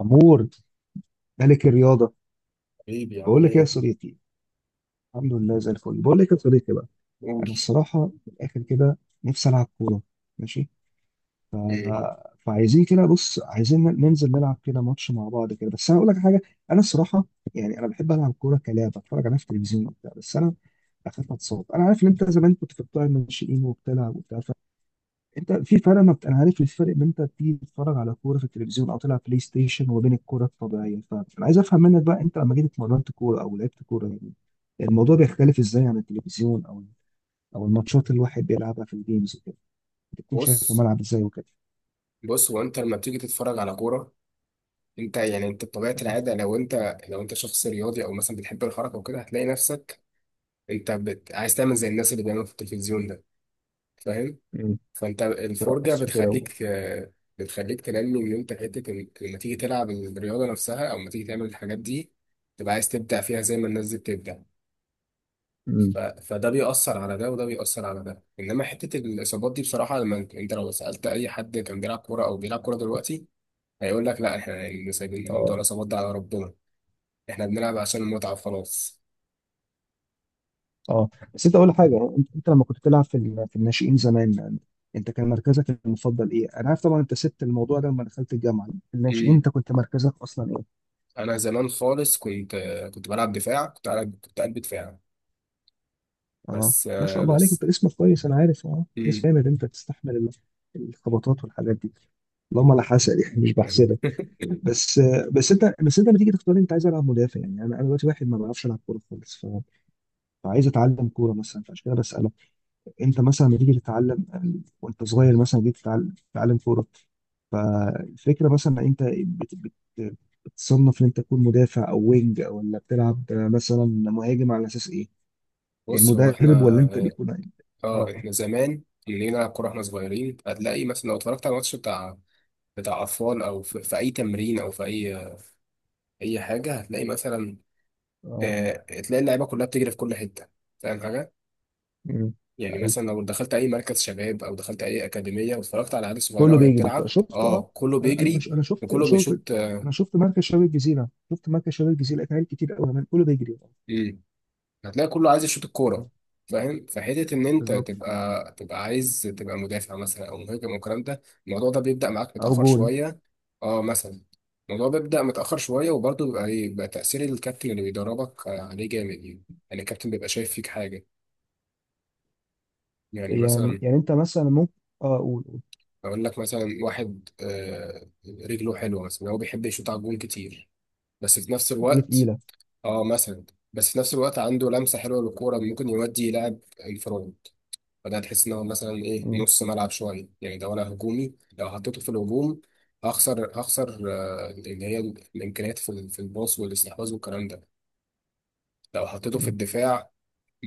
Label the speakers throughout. Speaker 1: أمور ملك الرياضة.
Speaker 2: حبيبي عامل
Speaker 1: بقول لك إيه يا
Speaker 2: ايه؟
Speaker 1: صديقي؟ الحمد لله زي الفل. بقول لك يا صديقي بقى،
Speaker 2: قول.
Speaker 1: أنا الصراحة من الآخر كده نفسي ألعب كورة. ماشي.
Speaker 2: مم.
Speaker 1: ف- فعايزين كده، بص، عايزين ننزل نلعب كده ماتش مع بعض كده، بس أنا أقول لك حاجة. أنا الصراحة يعني أنا بحب ألعب كورة كلاعب أتفرج عليها في التلفزيون وبتاع، بس أنا أخاف أتصاب. أنا عارف إن أنت زمان كنت في بتوع الناشئين وبتلعب وبتاع. انت في فرق ما انا عارف الفرق بين انت بتيجي تتفرج على كوره في التلفزيون او تلعب بلاي ستيشن وبين الكوره الطبيعيه، فانا عايز افهم منك بقى، انت لما جيت اتمرنت كوره او لعبت كوره يعني الموضوع بيختلف ازاي عن التلفزيون او الماتشات اللي الواحد بيلعبها في الجيمز وكده؟ بتكون شايف
Speaker 2: بص
Speaker 1: الملعب ازاي وكده؟
Speaker 2: بص هو انت لما بتيجي تتفرج على كوره، انت يعني انت بطبيعه
Speaker 1: مم.
Speaker 2: العاده لو انت شخص رياضي او مثلا بتحب الحركه وكده هتلاقي نفسك عايز تعمل زي الناس اللي بيعملوا في التلفزيون ده. فاهم؟
Speaker 1: مم.
Speaker 2: فانت الفرجه
Speaker 1: ترقص وكده
Speaker 2: بتخليك، بتخليك تنمي ان انت حته لما تيجي تلعب الرياضه نفسها او لما تيجي تعمل الحاجات دي تبقى عايز تبدع فيها زي ما الناس دي بتبدع.
Speaker 1: مم.
Speaker 2: فده بيأثر على ده وده بيأثر على ده، انما حتة الاصابات دي بصراحة لما أنت لو سألت اي حد كان بيلعب كورة او بيلعب كورة دلوقتي هيقول لك لا، احنا اللي سايبين موضوع
Speaker 1: اه،
Speaker 2: الاصابات ده على ربنا. احنا بنلعب عشان المتعة خلاص.
Speaker 1: اه، بس انت اقول لك حاجه، انت لما كنت بتلعب في في الناشئين زمان يعني انت كان مركزك المفضل ايه؟ انا عارف طبعا انت سبت الموضوع ده لما دخلت الجامعه، في الناشئين
Speaker 2: امم
Speaker 1: انت كنت مركزك اصلا ايه؟
Speaker 2: انا زمان خالص كنت، كنت بلعب دفاع، كنت قلب، كنت قلب دفاع.
Speaker 1: اه،
Speaker 2: بس
Speaker 1: ما شاء الله عليك،
Speaker 2: بس.
Speaker 1: انت اسمك كويس، انا عارف، اه
Speaker 2: امم
Speaker 1: اسم جامد، انت تستحمل الخبطات والحاجات دي. اللهم لا حسد يعني مش بحسدك. بس بس انت لما تيجي تختار انت عايز العب مدافع يعني؟ انا دلوقتي واحد ما بعرفش العب كوره خالص، فعايز اتعلم كوره مثلا، فعشان كده بسالك. انت مثلا لما تيجي تتعلم وانت صغير مثلا جيت تتعلم كوره، فالفكره مثلا انت بت بت بتصنف ان انت تكون مدافع او وينج او ولا بتلعب مثلا مهاجم على اساس ايه؟
Speaker 2: بص هو
Speaker 1: المدرب ولا انت
Speaker 2: احنا،
Speaker 1: بيكون؟
Speaker 2: اه
Speaker 1: اه.
Speaker 2: احنا زمان اللي نلعب كورة احنا صغيرين هتلاقي مثلا لو اتفرجت على الماتش بتاع، بتاع اطفال او في اي تمرين او في اي حاجه هتلاقي مثلا
Speaker 1: اه.
Speaker 2: تلاقي اللعيبه كلها بتجري في كل حته. فاهم حاجه؟
Speaker 1: مم.
Speaker 2: يعني
Speaker 1: ايوه،
Speaker 2: مثلا لو دخلت اي مركز شباب او دخلت اي اكاديميه واتفرجت على عيال صغيره
Speaker 1: كله
Speaker 2: وهي
Speaker 1: بيجري،
Speaker 2: بتلعب،
Speaker 1: شفت، اه.
Speaker 2: اه كله
Speaker 1: انا
Speaker 2: بيجري
Speaker 1: مش انا شفت
Speaker 2: وكله
Speaker 1: شفت
Speaker 2: بيشوط.
Speaker 1: انا شفت مركز شباب الجزيره، شفت مركز شباب الجزيره، لقيت عيال كتير قوي كمان كله بيجري.
Speaker 2: مم. هتلاقي كله عايز يشوط الكوره.
Speaker 1: مم.
Speaker 2: فاهم؟ فحته ان انت
Speaker 1: بالظبط.
Speaker 2: تبقى عايز تبقى مدافع مثلا او مهاجم والكلام ده، الموضوع ده بيبدا معاك
Speaker 1: او
Speaker 2: متاخر
Speaker 1: جون.
Speaker 2: شويه. اه مثلا الموضوع بيبدا متاخر شويه، وبرضه بيبقى بيبقى تاثير الكابتن اللي بيدربك عليه جامد يعني. يعني الكابتن بيبقى شايف فيك حاجه. يعني
Speaker 1: يعني
Speaker 2: مثلا
Speaker 1: يعني انت مثلا ممكن، اه قول، قول.
Speaker 2: اقول لك مثلا واحد رجله حلوه مثلا، هو بيحب يشوط على الجون كتير، بس في نفس
Speaker 1: اللي
Speaker 2: الوقت،
Speaker 1: تقيله.
Speaker 2: اه مثلا، بس في نفس الوقت عنده لمسه حلوه للكوره، ممكن يودي يلعب الفرونت. فده تحس ان هو مثلا ايه،
Speaker 1: مم.
Speaker 2: نص ملعب شويه يعني ده، ولا هجومي؟ لو حطيته في الهجوم هخسر، هخسر اللي هي الامكانيات في في الباص والاستحواذ والكلام ده. لو حطيته في
Speaker 1: مم.
Speaker 2: الدفاع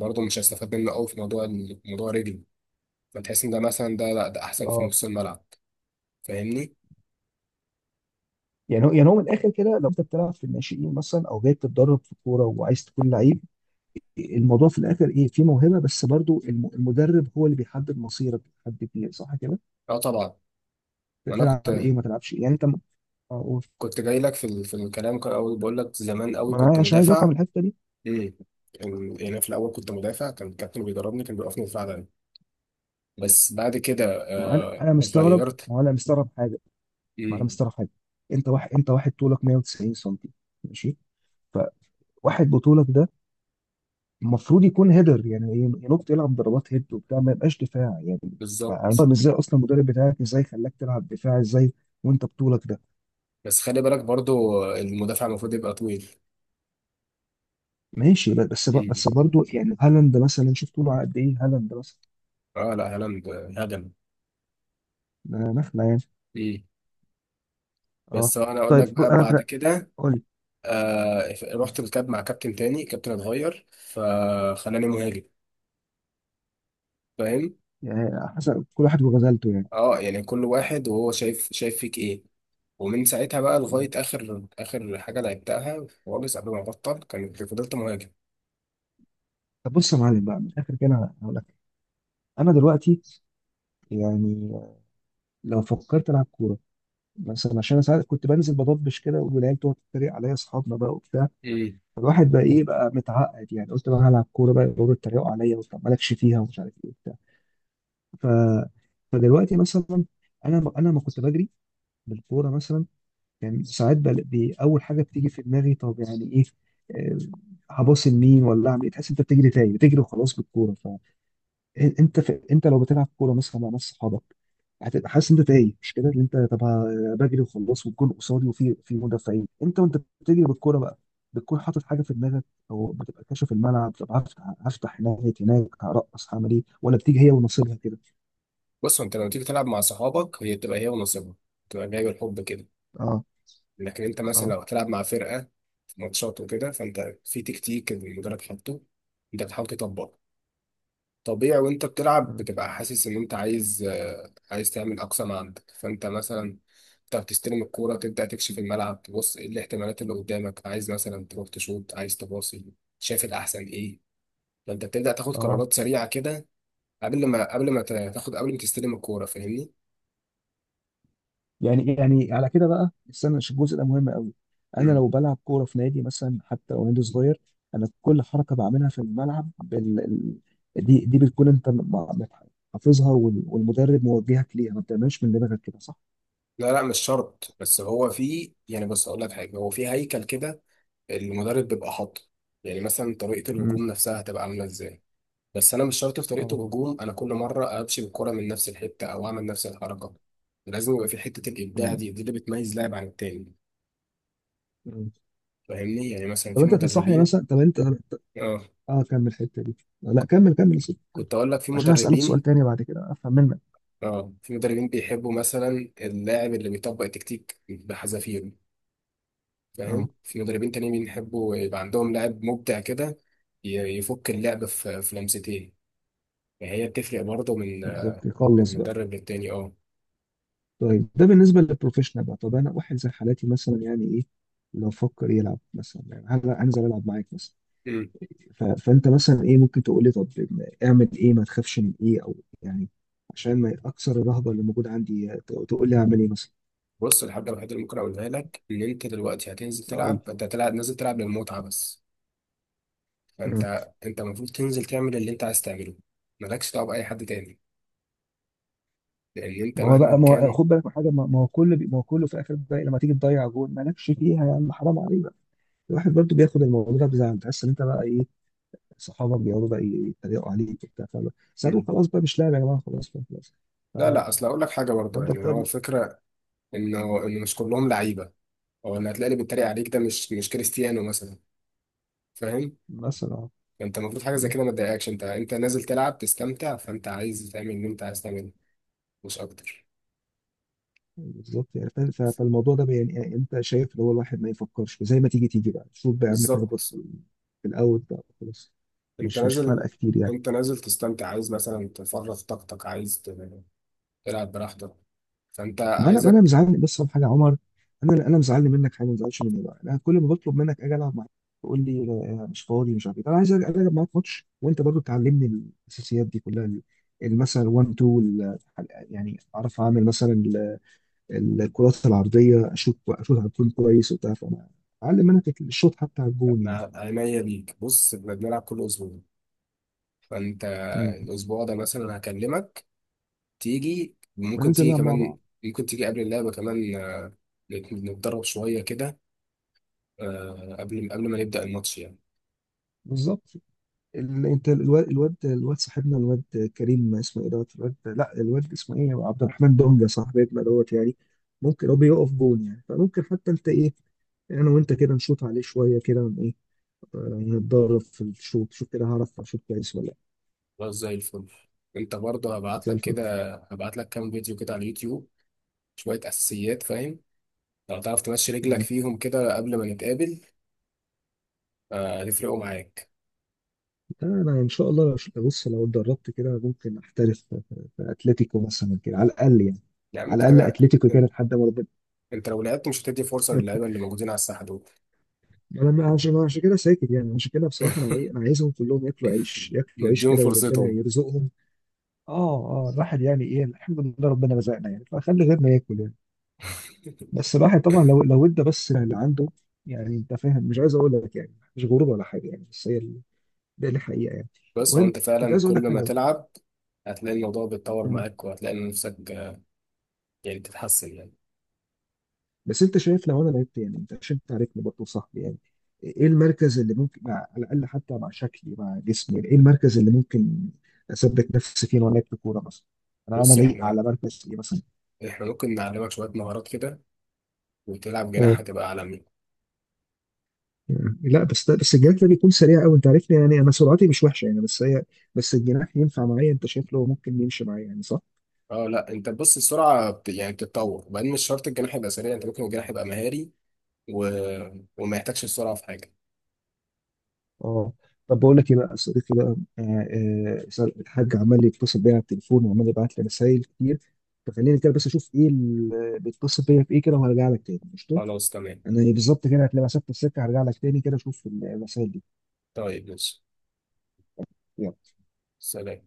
Speaker 2: برضه مش هستفاد منه قوي في موضوع موضوع رجلي. فتحس ان ده مثلا، ده لا، ده احسن في
Speaker 1: اه.
Speaker 2: نص الملعب. فاهمني؟
Speaker 1: يعني هو من الاخر كده، لو انت بتلعب في الناشئين مثلا او جاي تتدرب في الكوره وعايز تكون لعيب الموضوع في الاخر ايه؟ في موهبه، بس برضو المدرب هو اللي بيحدد مصيرك، بيحدد ايه، صح كده؟
Speaker 2: اه طبعا. وانا كنت
Speaker 1: تلعب ايه وما تلعبش إيه. يعني انت اه، قول.
Speaker 2: كنت جاي لك في في الكلام، كان اول بقول لك زمان قوي
Speaker 1: ما
Speaker 2: كنت
Speaker 1: انا عشان عايز افهم
Speaker 2: مدافع.
Speaker 1: الحته دي.
Speaker 2: امم، يعني في الاول كنت مدافع، كان الكابتن بيدربني، كان بيوقفني دفاع دايما. بس بعد كده
Speaker 1: ما هو انا
Speaker 2: آه
Speaker 1: انا مستغرب،
Speaker 2: غيرت.
Speaker 1: ما هو انا مستغرب حاجه، ما انا
Speaker 2: امم.
Speaker 1: مستغرب حاجه. انت واحد طولك 190 سم. ماشي. فواحد بطولك ده المفروض يكون هيدر يعني، ينط يلعب ضربات هيد وبتاع، ما يبقاش دفاع يعني. أنا
Speaker 2: بالظبط.
Speaker 1: فاهم ازاي اصلا المدرب بتاعك ازاي خلاك تلعب دفاع ازاي وانت بطولك ده.
Speaker 2: بس خلي بالك برضو، المدافع المفروض يبقى طويل.
Speaker 1: ماشي، بس
Speaker 2: امم.
Speaker 1: برضه يعني هالاند مثلا، شوف طوله قد ايه، هالاند مثلا
Speaker 2: اه لا هالاند هجم.
Speaker 1: ده نخله يعني.
Speaker 2: امم.
Speaker 1: اه.
Speaker 2: بس هو انا اقول
Speaker 1: طيب،
Speaker 2: لك بقى، بعد
Speaker 1: انا
Speaker 2: كده
Speaker 1: قول لي.
Speaker 2: آه رحت الكاب مع كابتن تاني، كابتن اتغير فخلاني مهاجم. فاهم؟
Speaker 1: يعني حسب كل واحد وغزلته.
Speaker 2: اه، يعني كل واحد وهو شايف، فيك ايه. ومن ساعتها بقى لغاية
Speaker 1: يعني
Speaker 2: آخر حاجة لعبتها خالص قبل ما أبطل، كانت فضلت مهاجم.
Speaker 1: طب بص يا معلم بقى، من الاخر كده انا هقول لك، انا دلوقتي يعني لو فكرت العب كوره مثلا، عشان انا ساعات كنت بنزل بضبش كده والعيال تقعد تتريق عليا اصحابنا بقى وبتاع،
Speaker 2: امم.
Speaker 1: فالواحد بقى ايه بقى متعقد يعني، قلت بقى هلعب كوره بقى يقعدوا يتريقوا عليا، وطب مالكش فيها ومش عارف ايه وبتاع. ف فدلوقتي مثلا، انا ما كنت بجري بالكوره مثلا يعني، ساعات بقى اول حاجه بتيجي في دماغي طب يعني ايه؟ آه، هباص لمين ولا اعمل ايه؟ تحس انت بتجري تاني، بتجري وخلاص بالكوره. انت لو بتلعب كوره مثلا مع ناس صحابك هتبقى حاسس ان انت تايه، مش كده؟ اللي انت، طب بجري وخلاص والجون قصادي وفي، في مدافعين، انت وانت بتجري بالكوره بقى بتكون حاطط حاجه في دماغك، او بتبقى كاشف الملعب؟ طب هفتح هناك هناك، هرقص، هعمل ايه، ولا بتيجي هي ونصيبها كده؟
Speaker 2: بص أنت لو تيجي تلعب مع صحابك، هي بتبقى هي ونصيبها، بتبقى جاي بالحب كده.
Speaker 1: اه.
Speaker 2: لكن أنت مثلا
Speaker 1: اه.
Speaker 2: لو هتلعب مع فرقة في ماتشات وكده، فأنت في تكتيك المدرب حاطه، أنت بتحاول تطبقه. طبيعي وأنت بتلعب
Speaker 1: مم.
Speaker 2: بتبقى حاسس إن أنت عايز، عايز تعمل أقصى ما عندك. فأنت مثلا أنت بتستلم الكورة، تبدأ تكشف الملعب، تبص إيه الاحتمالات اللي قدامك، عايز مثلا تروح تشوط، عايز تباصي، شايف الأحسن إيه. فانت بتبدا تاخد
Speaker 1: اه.
Speaker 2: قرارات سريعه كده قبل ما تستلم الكوره. فاهمني؟
Speaker 1: يعني إيه؟ يعني على كده بقى، استنى عشان الجزء ده مهم قوي. انا
Speaker 2: امم.
Speaker 1: لو بلعب كوره في نادي مثلا، حتى لو نادي صغير، انا كل حركه بعملها في الملعب دي بتكون انت حافظها والمدرب موجهك ليها، ما بتعملش من دماغك كده، صح؟
Speaker 2: لا لا مش شرط، بس هو في يعني، بص اقول لك حاجه، هو في هيكل كده المدرب بيبقى حاطه. يعني مثلا طريقه
Speaker 1: امم.
Speaker 2: الهجوم نفسها هتبقى عامله ازاي. بس انا مش شرط في طريقه
Speaker 1: اه.
Speaker 2: الهجوم انا كل مره امشي بالكوره من نفس الحته او اعمل نفس الحركه، لازم يبقى في حته الابداع
Speaker 1: امم.
Speaker 2: دي اللي بتميز لاعب عن التاني.
Speaker 1: أمم.
Speaker 2: فاهمني؟ يعني مثلا
Speaker 1: طب
Speaker 2: في
Speaker 1: انت تنصحني
Speaker 2: مدربين،
Speaker 1: مثلا، طب انت،
Speaker 2: اه
Speaker 1: اه كمل الحته دي. لا كمل، كمل يا سيدي، كمل،
Speaker 2: كنت اقول لك في
Speaker 1: عشان هسألك سؤال
Speaker 2: مدربين،
Speaker 1: تاني بعد كده افهم منك.
Speaker 2: اه في مدربين بيحبوا مثلا اللاعب اللي بيطبق التكتيك بحذافيره.
Speaker 1: اه.
Speaker 2: فاهم؟ في مدربين تانيين بيحبوا يبقى عندهم لاعب مبدع كده، يفك اللعب في لمستين. فهي بتفرق برضه من،
Speaker 1: بالظبط،
Speaker 2: من
Speaker 1: خلص بقى.
Speaker 2: مدرب للتاني. اه.
Speaker 1: طيب ده بالنسبة للبروفيشنال بقى، طب أنا واحد زي حالاتي مثلا يعني إيه؟ لو فكر يلعب مثلا يعني هل هنزل ألعب معاك مثلا؟
Speaker 2: مم.
Speaker 1: فأنت مثلا إيه ممكن تقول لي؟ طب أعمل إيه؟ ما تخافش من إيه؟ أو يعني عشان ما أكسر الرهبة اللي موجودة عندي، تقول لي أعمل إيه مثلا.
Speaker 2: بص الحاجة الوحيدة اللي ممكن أقولها لك إن أنت دلوقتي هتنزل
Speaker 1: أقول
Speaker 2: تلعب،
Speaker 1: لك.
Speaker 2: أنت هتلعب نازل تلعب للمتعة بس.
Speaker 1: مم.
Speaker 2: فأنت المفروض تنزل تعمل اللي أنت عايز تعمله. مالكش دعوة بأي حد تاني، لأن أنت
Speaker 1: ما هو
Speaker 2: مهما
Speaker 1: بقى ما هو
Speaker 2: كان.
Speaker 1: خد بالك من حاجه، ما هو كله في الاخر بقى لما تيجي تضيع جول مالكش فيها يا عم، حرام عليك بقى. الواحد برضو بياخد الموضوع ده بزعل، تحس إن أنت بقى إيه، صحابك بيقعدوا بقى يتريقوا عليك وبتاع، فاهم؟ ساعتها
Speaker 2: مم.
Speaker 1: خلاص بقى، مش لاعب يا جماعه، خلاص بقى خلاص.
Speaker 2: لا لا، أصل هقول لك حاجة برضه،
Speaker 1: فانت
Speaker 2: يعني هو
Speaker 1: بتعمل
Speaker 2: الفكرة انه مش كلهم لعيبه، او ان هتلاقي اللي بيتريق عليك ده مش، مش كريستيانو مثلا. فاهم؟
Speaker 1: مثلا. آه.
Speaker 2: انت المفروض حاجه زي
Speaker 1: مم.
Speaker 2: كده ما تضايقكش، انت انت نازل تلعب تستمتع، فانت عايز تعمل اللي انت عايز تعمله، مش اكتر.
Speaker 1: بالظبط يعني، فاهم؟ فالموضوع ده يعني انت شايف اللي هو الواحد ما يفكرش، زي ما تيجي بقى، شوف بقى يا عم، تخبط
Speaker 2: بالظبط.
Speaker 1: في الاوت بقى خلاص،
Speaker 2: انت
Speaker 1: مش فارقه
Speaker 2: نازل
Speaker 1: كتير يعني.
Speaker 2: انت نازل تستمتع، عايز مثلا تفرغ طاقتك، عايز تلعب براحتك. فانت
Speaker 1: ما انا
Speaker 2: عايزك.
Speaker 1: مزعلني بس على حاجه يا عمر، انا مزعلني منك حاجه، ما تزعلش مني بقى. انا كل ما بطلب منك اجي العب معاك تقول لي مش فاضي، مش عارف ايه. انا عايز أجي العب معاك ماتش وانت برضو تعلمني الاساسيات دي كلها، مثلا 1 2، يعني اعرف اعمل مثلا الكرات العرضيه، اشوط على الجون كويس وبتاع، فانا اعلم منك الشوط حتى على الجون يعني.
Speaker 2: أنا عينيا ليك. بص احنا بنلعب كل اسبوع، فانت
Speaker 1: امم.
Speaker 2: الاسبوع ده مثلا هكلمك تيجي، ممكن
Speaker 1: وننزل
Speaker 2: تيجي
Speaker 1: نلعب مع
Speaker 2: كمان،
Speaker 1: بعض.
Speaker 2: ممكن تيجي قبل اللعبه كمان، نتدرب شوية كده قبل ما نبدأ الماتش يعني.
Speaker 1: بالظبط. انت الواد، صاحبنا الواد كريم اسمه ايه دوت الواد، لا، الواد اسمه ايه عبد الرحمن دونجا صاحبنا دوت يعني، ممكن هو بيقف جون يعني، فممكن حتى انت ايه، انا وانت كده نشوط عليه شويه كده ايه، نتدرب في الشوط. شوف كده هعرف اشوط كويس ولا لا.
Speaker 2: خلاص زي الفل. انت برضه
Speaker 1: زي الفل.
Speaker 2: هبعت لك كام فيديو كده على اليوتيوب، شوية أساسيات. فاهم؟ لو تعرف تمشي رجلك
Speaker 1: مم.
Speaker 2: فيهم كده قبل ما نتقابل، هتفرقوا معاك.
Speaker 1: انا ان شاء الله، بص لو اتدربت كده ممكن احترف في اتلتيكو مثلا كده على الاقل يعني،
Speaker 2: يا عم
Speaker 1: على
Speaker 2: انت
Speaker 1: الاقل
Speaker 2: كده،
Speaker 1: اتلتيكو كده لحد ما ربنا.
Speaker 2: انت لو لعبت مش هتدي فرصة للعيبة اللي موجودين على الساحة دول.
Speaker 1: انا عشان كده ساكت يعني، عشان كده بصراحه انا، انا عايزهم كلهم ياكلوا عيش، ياكلوا عيش
Speaker 2: نديهم
Speaker 1: كده، وربنا
Speaker 2: فرصتهم.
Speaker 1: يرزقهم. اه. اه. الواحد يعني ايه، الحمد لله ربنا رزقنا يعني فخلي غيرنا ياكل يعني. بس الواحد طبعا لو ادى بس اللي عنده، يعني انت فاهم، مش عايز اقول لك يعني مش غرور ولا حاجه يعني، بس هي ده الحقيقه يعني.
Speaker 2: بس هو
Speaker 1: المهم،
Speaker 2: انت
Speaker 1: كنت
Speaker 2: فعلا
Speaker 1: عايز اقول
Speaker 2: كل
Speaker 1: لك
Speaker 2: ما
Speaker 1: حاجه
Speaker 2: تلعب هتلاقي الموضوع بيتطور
Speaker 1: بقى،
Speaker 2: معاك، وهتلاقي نفسك، يعني تتحسن يعني.
Speaker 1: بس انت شايف لو انا لعبت، يعني انت عشان تعرفني برضه صاحبي يعني، ايه المركز اللي ممكن مع، على الاقل حتى مع شكلي مع جسمي، يعني ايه المركز اللي ممكن اثبت نفسي فيه وانا لعبت كوره مثلا؟ انا
Speaker 2: بص
Speaker 1: لايق
Speaker 2: احنا،
Speaker 1: على مركز ايه مثلا؟
Speaker 2: احنا ممكن نعلمك شوية مهارات كده وتلعب جناح
Speaker 1: اه.
Speaker 2: هتبقى عالمي.
Speaker 1: لا بس الجناح ده بيكون سريع قوي، انت عارفني يعني انا سرعتي مش وحشه يعني، بس هي، بس الجناح ينفع معايا؟ انت شايف له ممكن يمشي معايا يعني، صح؟
Speaker 2: اه لا انت بص، يعني بتتطور، وبعدين مش شرط الجناح يبقى سريع، انت ممكن الجناح يبقى مهاري و... وما يحتاجش السرعة في حاجة.
Speaker 1: اه. طب بقول لك ايه بقى يا صديقي بقى، الحاج عمال يتصل بيا على التليفون وعمال يبعت لي رسايل كتير، فخليني كده بس اشوف ايه اللي بيتصل بيا في ايه كده، وهرجع لك تاني قشطه.
Speaker 2: خلاص تمام.
Speaker 1: انا بالظبط كده هتلاقي مسافه السكه، هرجع لك تاني كده اشوف الرسايل دي.
Speaker 2: طيب ماشي. سلام.